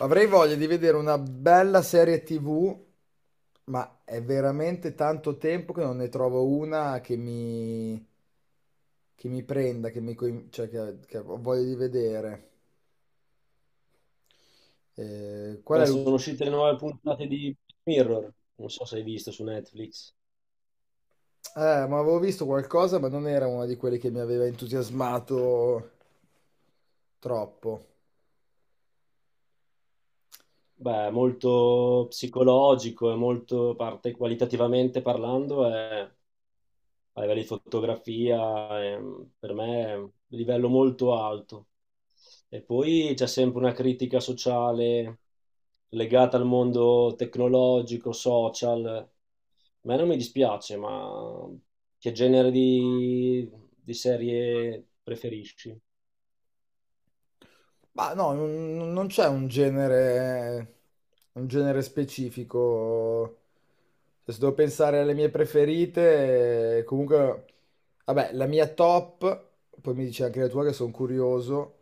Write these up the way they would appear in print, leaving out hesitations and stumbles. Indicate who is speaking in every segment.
Speaker 1: Avrei voglia di vedere una bella serie TV, ma è veramente tanto tempo che non ne trovo una che mi prenda, che ho voglia di vedere. Qual
Speaker 2: Beh,
Speaker 1: è
Speaker 2: sono
Speaker 1: l'ultima?
Speaker 2: uscite le nuove puntate di Mirror, non so se hai visto su Netflix.
Speaker 1: Ma avevo visto qualcosa, ma non era una di quelle che mi aveva entusiasmato troppo.
Speaker 2: Beh, è molto psicologico e molto parte qualitativamente parlando, è, a livello di fotografia, è- per me è un livello molto alto. E poi c'è sempre una critica sociale legata al mondo tecnologico, social. A me non mi dispiace, ma che genere di serie preferisci?
Speaker 1: Ma no, non c'è un genere specifico. Cioè, se devo pensare alle mie preferite, comunque, vabbè, la mia top, poi mi dici anche la tua che sono curioso.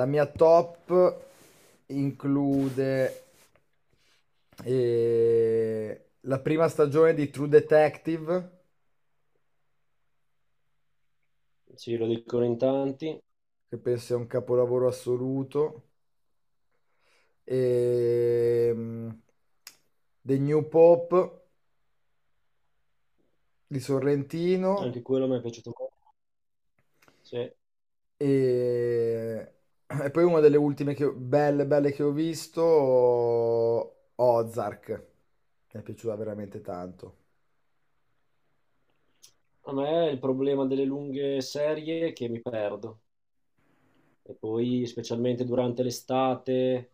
Speaker 1: La mia top include la prima stagione di True Detective,
Speaker 2: Sì, lo dicono in tanti,
Speaker 1: che penso sia un capolavoro assoluto. ehm, The New Pop di Sorrentino
Speaker 2: anche quello mi è piaciuto molto. Sì. A
Speaker 1: e, e poi una delle ultime belle, belle che ho visto, Ozark. Mi è piaciuta veramente tanto.
Speaker 2: me è il problema delle lunghe serie che mi perdo, e poi specialmente durante l'estate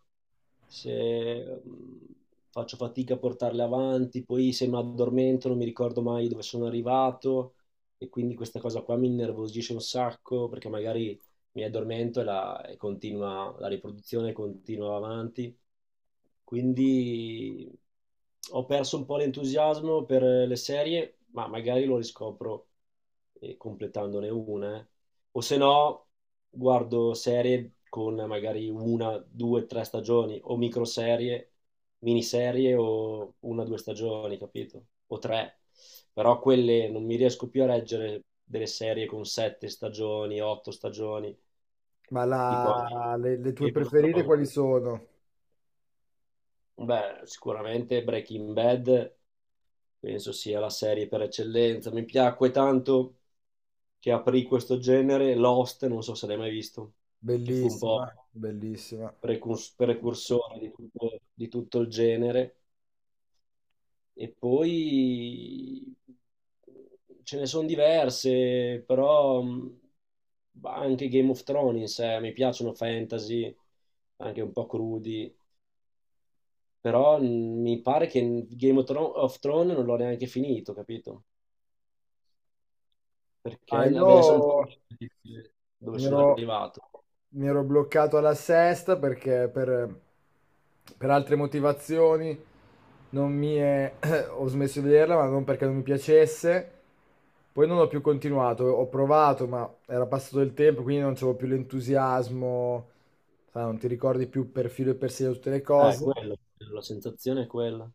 Speaker 2: se faccio fatica a portarle avanti, poi se mi addormento non mi ricordo mai dove sono arrivato, e quindi questa cosa qua mi innervosisce un sacco perché magari mi addormento e continua, la riproduzione continua avanti. Quindi ho perso un po' l'entusiasmo per le serie, ma magari lo riscopro completandone una, o se no guardo serie con magari una, due, tre stagioni, o microserie, miniserie, o una, due stagioni, capito? O tre. Però quelle non mi riesco più a reggere, delle serie con sette stagioni, otto stagioni, tipo anche
Speaker 1: Le tue
Speaker 2: Game of
Speaker 1: preferite
Speaker 2: Thrones.
Speaker 1: quali sono?
Speaker 2: Beh, sicuramente Breaking Bad penso sia la serie per eccellenza. Mi piacque tanto, che aprì questo genere. Lost, non so se l'hai mai visto, che fu un po'
Speaker 1: Bellissima, bellissima.
Speaker 2: precursore di tutto il genere. E poi ce ne sono diverse, però anche Game of Thrones in sé, mi piacciono fantasy, anche un po' crudi, però mi pare che Game of Thrones non l'ho neanche finito, capito? Perché
Speaker 1: Ah,
Speaker 2: adesso non ti-
Speaker 1: io
Speaker 2: Dove
Speaker 1: mi
Speaker 2: sono
Speaker 1: ero,
Speaker 2: arrivato.
Speaker 1: mi ero bloccato alla sesta perché per altre motivazioni non mi è- ho smesso di vederla, ma non perché non mi piacesse. Poi non ho più continuato, ho provato, ma era passato il tempo, quindi non c'avevo più l'entusiasmo, sai, non ti ricordi più per filo e per segno tutte le
Speaker 2: Eh,
Speaker 1: cose.
Speaker 2: quello, la sensazione è quella.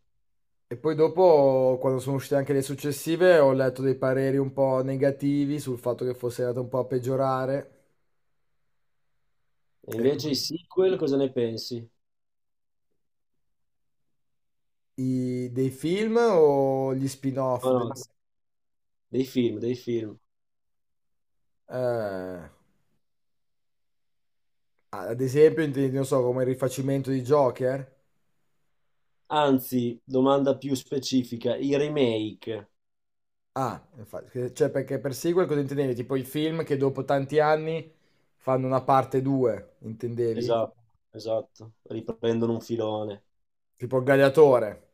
Speaker 1: E poi dopo, quando sono uscite anche le successive, ho letto dei pareri un po' negativi sul fatto che fosse andata un po' a peggiorare.
Speaker 2: E
Speaker 1: E
Speaker 2: invece i
Speaker 1: quindi
Speaker 2: sequel cosa ne pensi?
Speaker 1: dei film o gli spin-off?
Speaker 2: No, no, dei film, dei film.
Speaker 1: Eh, Ad esempio, intendi, non so, come il rifacimento di Joker?
Speaker 2: Anzi, domanda più specifica, i remake.
Speaker 1: Ah, infatti, cioè perché per sequel cosa intendevi? Tipo i film che dopo tanti anni fanno una parte 2, intendevi?
Speaker 2: Esatto, esatto, riprendono un filone.
Speaker 1: Tipo il Gladiatore.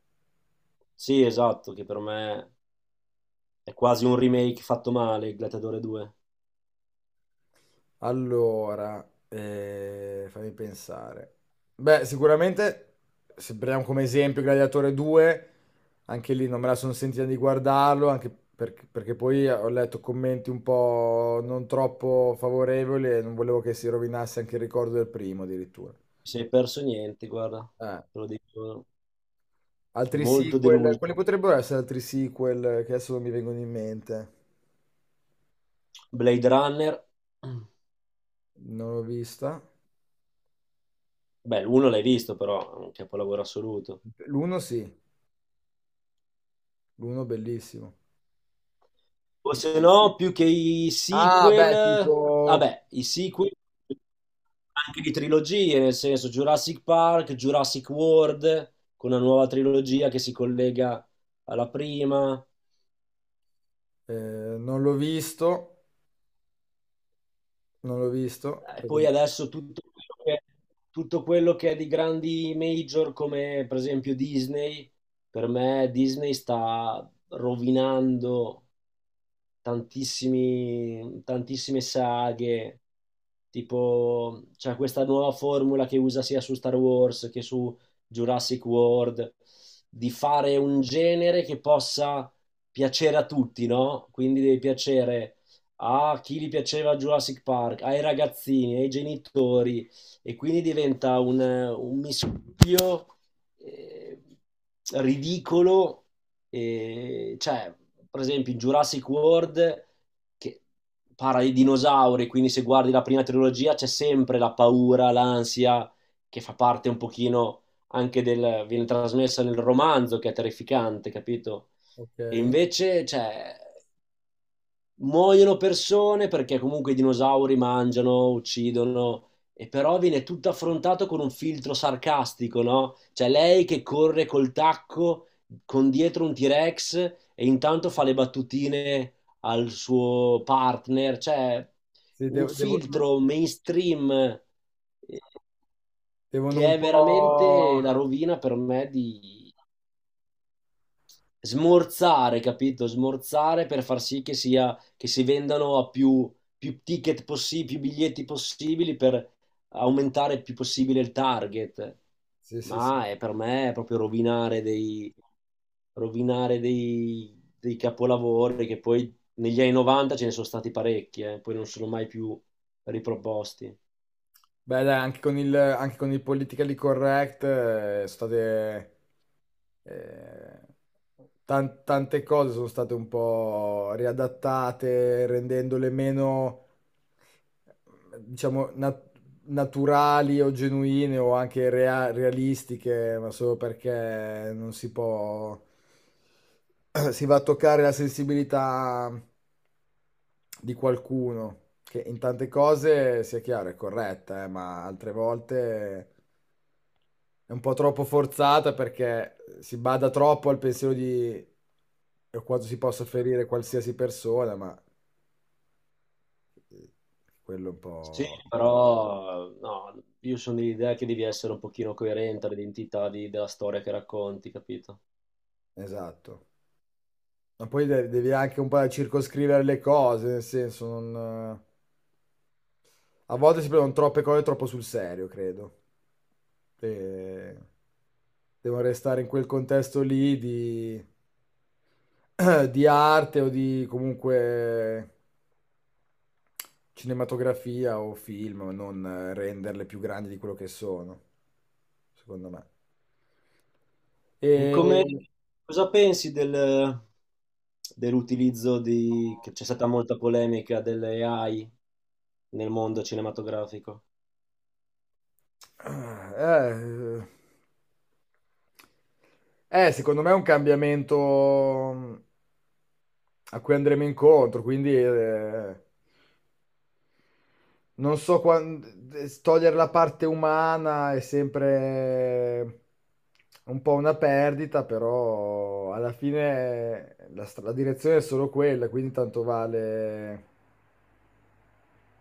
Speaker 2: Sì, esatto, che per me è quasi un remake fatto male, il Gladiatore 2. Non
Speaker 1: Allora, fammi pensare. Beh, sicuramente, se prendiamo come esempio Gladiatore 2, anche lì non me la sono sentita di guardarlo, anche perché poi ho letto commenti un po' non troppo favorevoli e non volevo che si rovinasse anche il ricordo del primo addirittura.
Speaker 2: ci sei perso niente, guarda,
Speaker 1: Eh,
Speaker 2: te lo dico,
Speaker 1: Altri
Speaker 2: molto
Speaker 1: sequel,
Speaker 2: deluso.
Speaker 1: quali potrebbero essere altri sequel che adesso non mi vengono in mente?
Speaker 2: Blade Runner.
Speaker 1: Non l'ho vista.
Speaker 2: Beh, l'uno l'hai visto però, è un capolavoro assoluto.
Speaker 1: L'uno sì, l'uno bellissimo.
Speaker 2: O se no, più che i
Speaker 1: Ah,
Speaker 2: sequel,
Speaker 1: beh, tipo
Speaker 2: vabbè, i sequel anche di trilogie, nel senso Jurassic Park, Jurassic World, con una nuova trilogia che si collega alla prima.
Speaker 1: Eh, non l'ho visto, non l'ho visto.
Speaker 2: E poi
Speaker 1: perché-
Speaker 2: adesso tutto quello che, è di grandi major, come per esempio Disney. Per me Disney sta rovinando tantissime saghe, tipo c'è questa nuova formula che usa sia su Star Wars che su Jurassic World, di fare un genere che possa piacere a tutti, no? Quindi deve piacere a chi gli piaceva Jurassic Park, ai ragazzini, ai genitori, e quindi diventa un mischio eh, ridicolo, e, cioè, per esempio, in Jurassic World, che parla di dinosauri, quindi se guardi la prima trilogia c'è sempre la paura, l'ansia, che fa parte un pochino anche viene trasmessa nel romanzo, che è terrificante, capito?
Speaker 1: Ok.
Speaker 2: E invece, cioè, muoiono persone perché comunque i dinosauri mangiano, uccidono, e però viene tutto affrontato con un filtro sarcastico, no? Cioè lei che corre col tacco, con dietro un T-Rex, e intanto fa le battutine al suo partner, cioè
Speaker 1: Sì,
Speaker 2: un
Speaker 1: devo- devo-
Speaker 2: filtro mainstream,
Speaker 1: Devono
Speaker 2: che
Speaker 1: un
Speaker 2: è
Speaker 1: po'...
Speaker 2: veramente la rovina, per me, di smorzare, capito? Smorzare per far sì che si vendano a più ticket possibili, più biglietti possibili, per aumentare il più possibile il target.
Speaker 1: Sì, sì, sì.
Speaker 2: Per me è proprio rovinare dei capolavori, che poi negli anni 90 ce ne sono stati parecchi, poi non sono mai più riproposti.
Speaker 1: Beh, dai, anche con il politically correct sono state eh, tante cose sono state un po' riadattate, rendendole meno, diciamo, naturali o genuine o anche realistiche, ma solo perché non si può, si va a toccare la sensibilità di qualcuno che in tante cose, sia chiaro, è corretta, ma altre volte è un po' troppo forzata perché si bada troppo al pensiero di e quanto si possa ferire qualsiasi persona, ma eh, quello è un
Speaker 2: Sì,
Speaker 1: po'
Speaker 2: però no, io sono dell'idea che devi essere un pochino coerente all'identità della storia che racconti, capito?
Speaker 1: esatto. Ma poi devi anche un po' circoscrivere le cose, nel senso non... A volte si prendono troppe cose troppo sul serio, credo. E devono restare in quel contesto lì di, di arte o di comunque cinematografia o film, non renderle più grandi di quello che sono, secondo me.
Speaker 2: E come,
Speaker 1: E...
Speaker 2: cosa pensi dell'utilizzo che c'è stata molta polemica delle AI nel mondo cinematografico?
Speaker 1: Eh, secondo me è un cambiamento a cui andremo incontro, quindi non so quando togliere la parte umana è sempre un po' una perdita, però alla fine la direzione è solo quella, quindi tanto vale.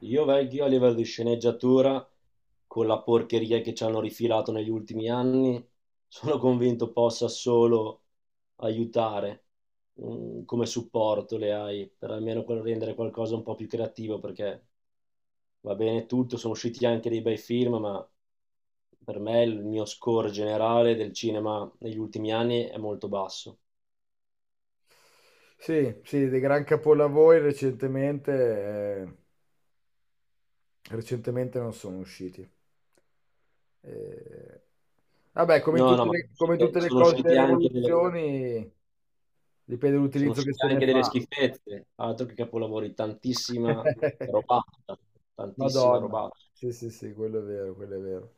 Speaker 2: Io vecchio a livello di sceneggiatura, con la porcheria che ci hanno rifilato negli ultimi anni, sono convinto possa solo aiutare, come supporto, le AI, per almeno rendere qualcosa un po' più creativo, perché va bene tutto, sono usciti anche dei bei film, ma per me il mio score generale del cinema negli ultimi anni è molto basso.
Speaker 1: Sì, sì, dei gran capolavori recentemente. eh, Recentemente non sono usciti. Eh, Vabbè,
Speaker 2: No, no, ma
Speaker 1: come in tutte le
Speaker 2: sono
Speaker 1: cose, le
Speaker 2: uscite anche delle,
Speaker 1: rivoluzioni, dipende
Speaker 2: sono
Speaker 1: dall'utilizzo che
Speaker 2: uscite
Speaker 1: se ne
Speaker 2: anche delle
Speaker 1: fa.
Speaker 2: schifezze, altro che capolavori, tantissima robata, tantissima
Speaker 1: Madonna,
Speaker 2: robata.
Speaker 1: sì, sì, sì, quello è vero, quello è vero.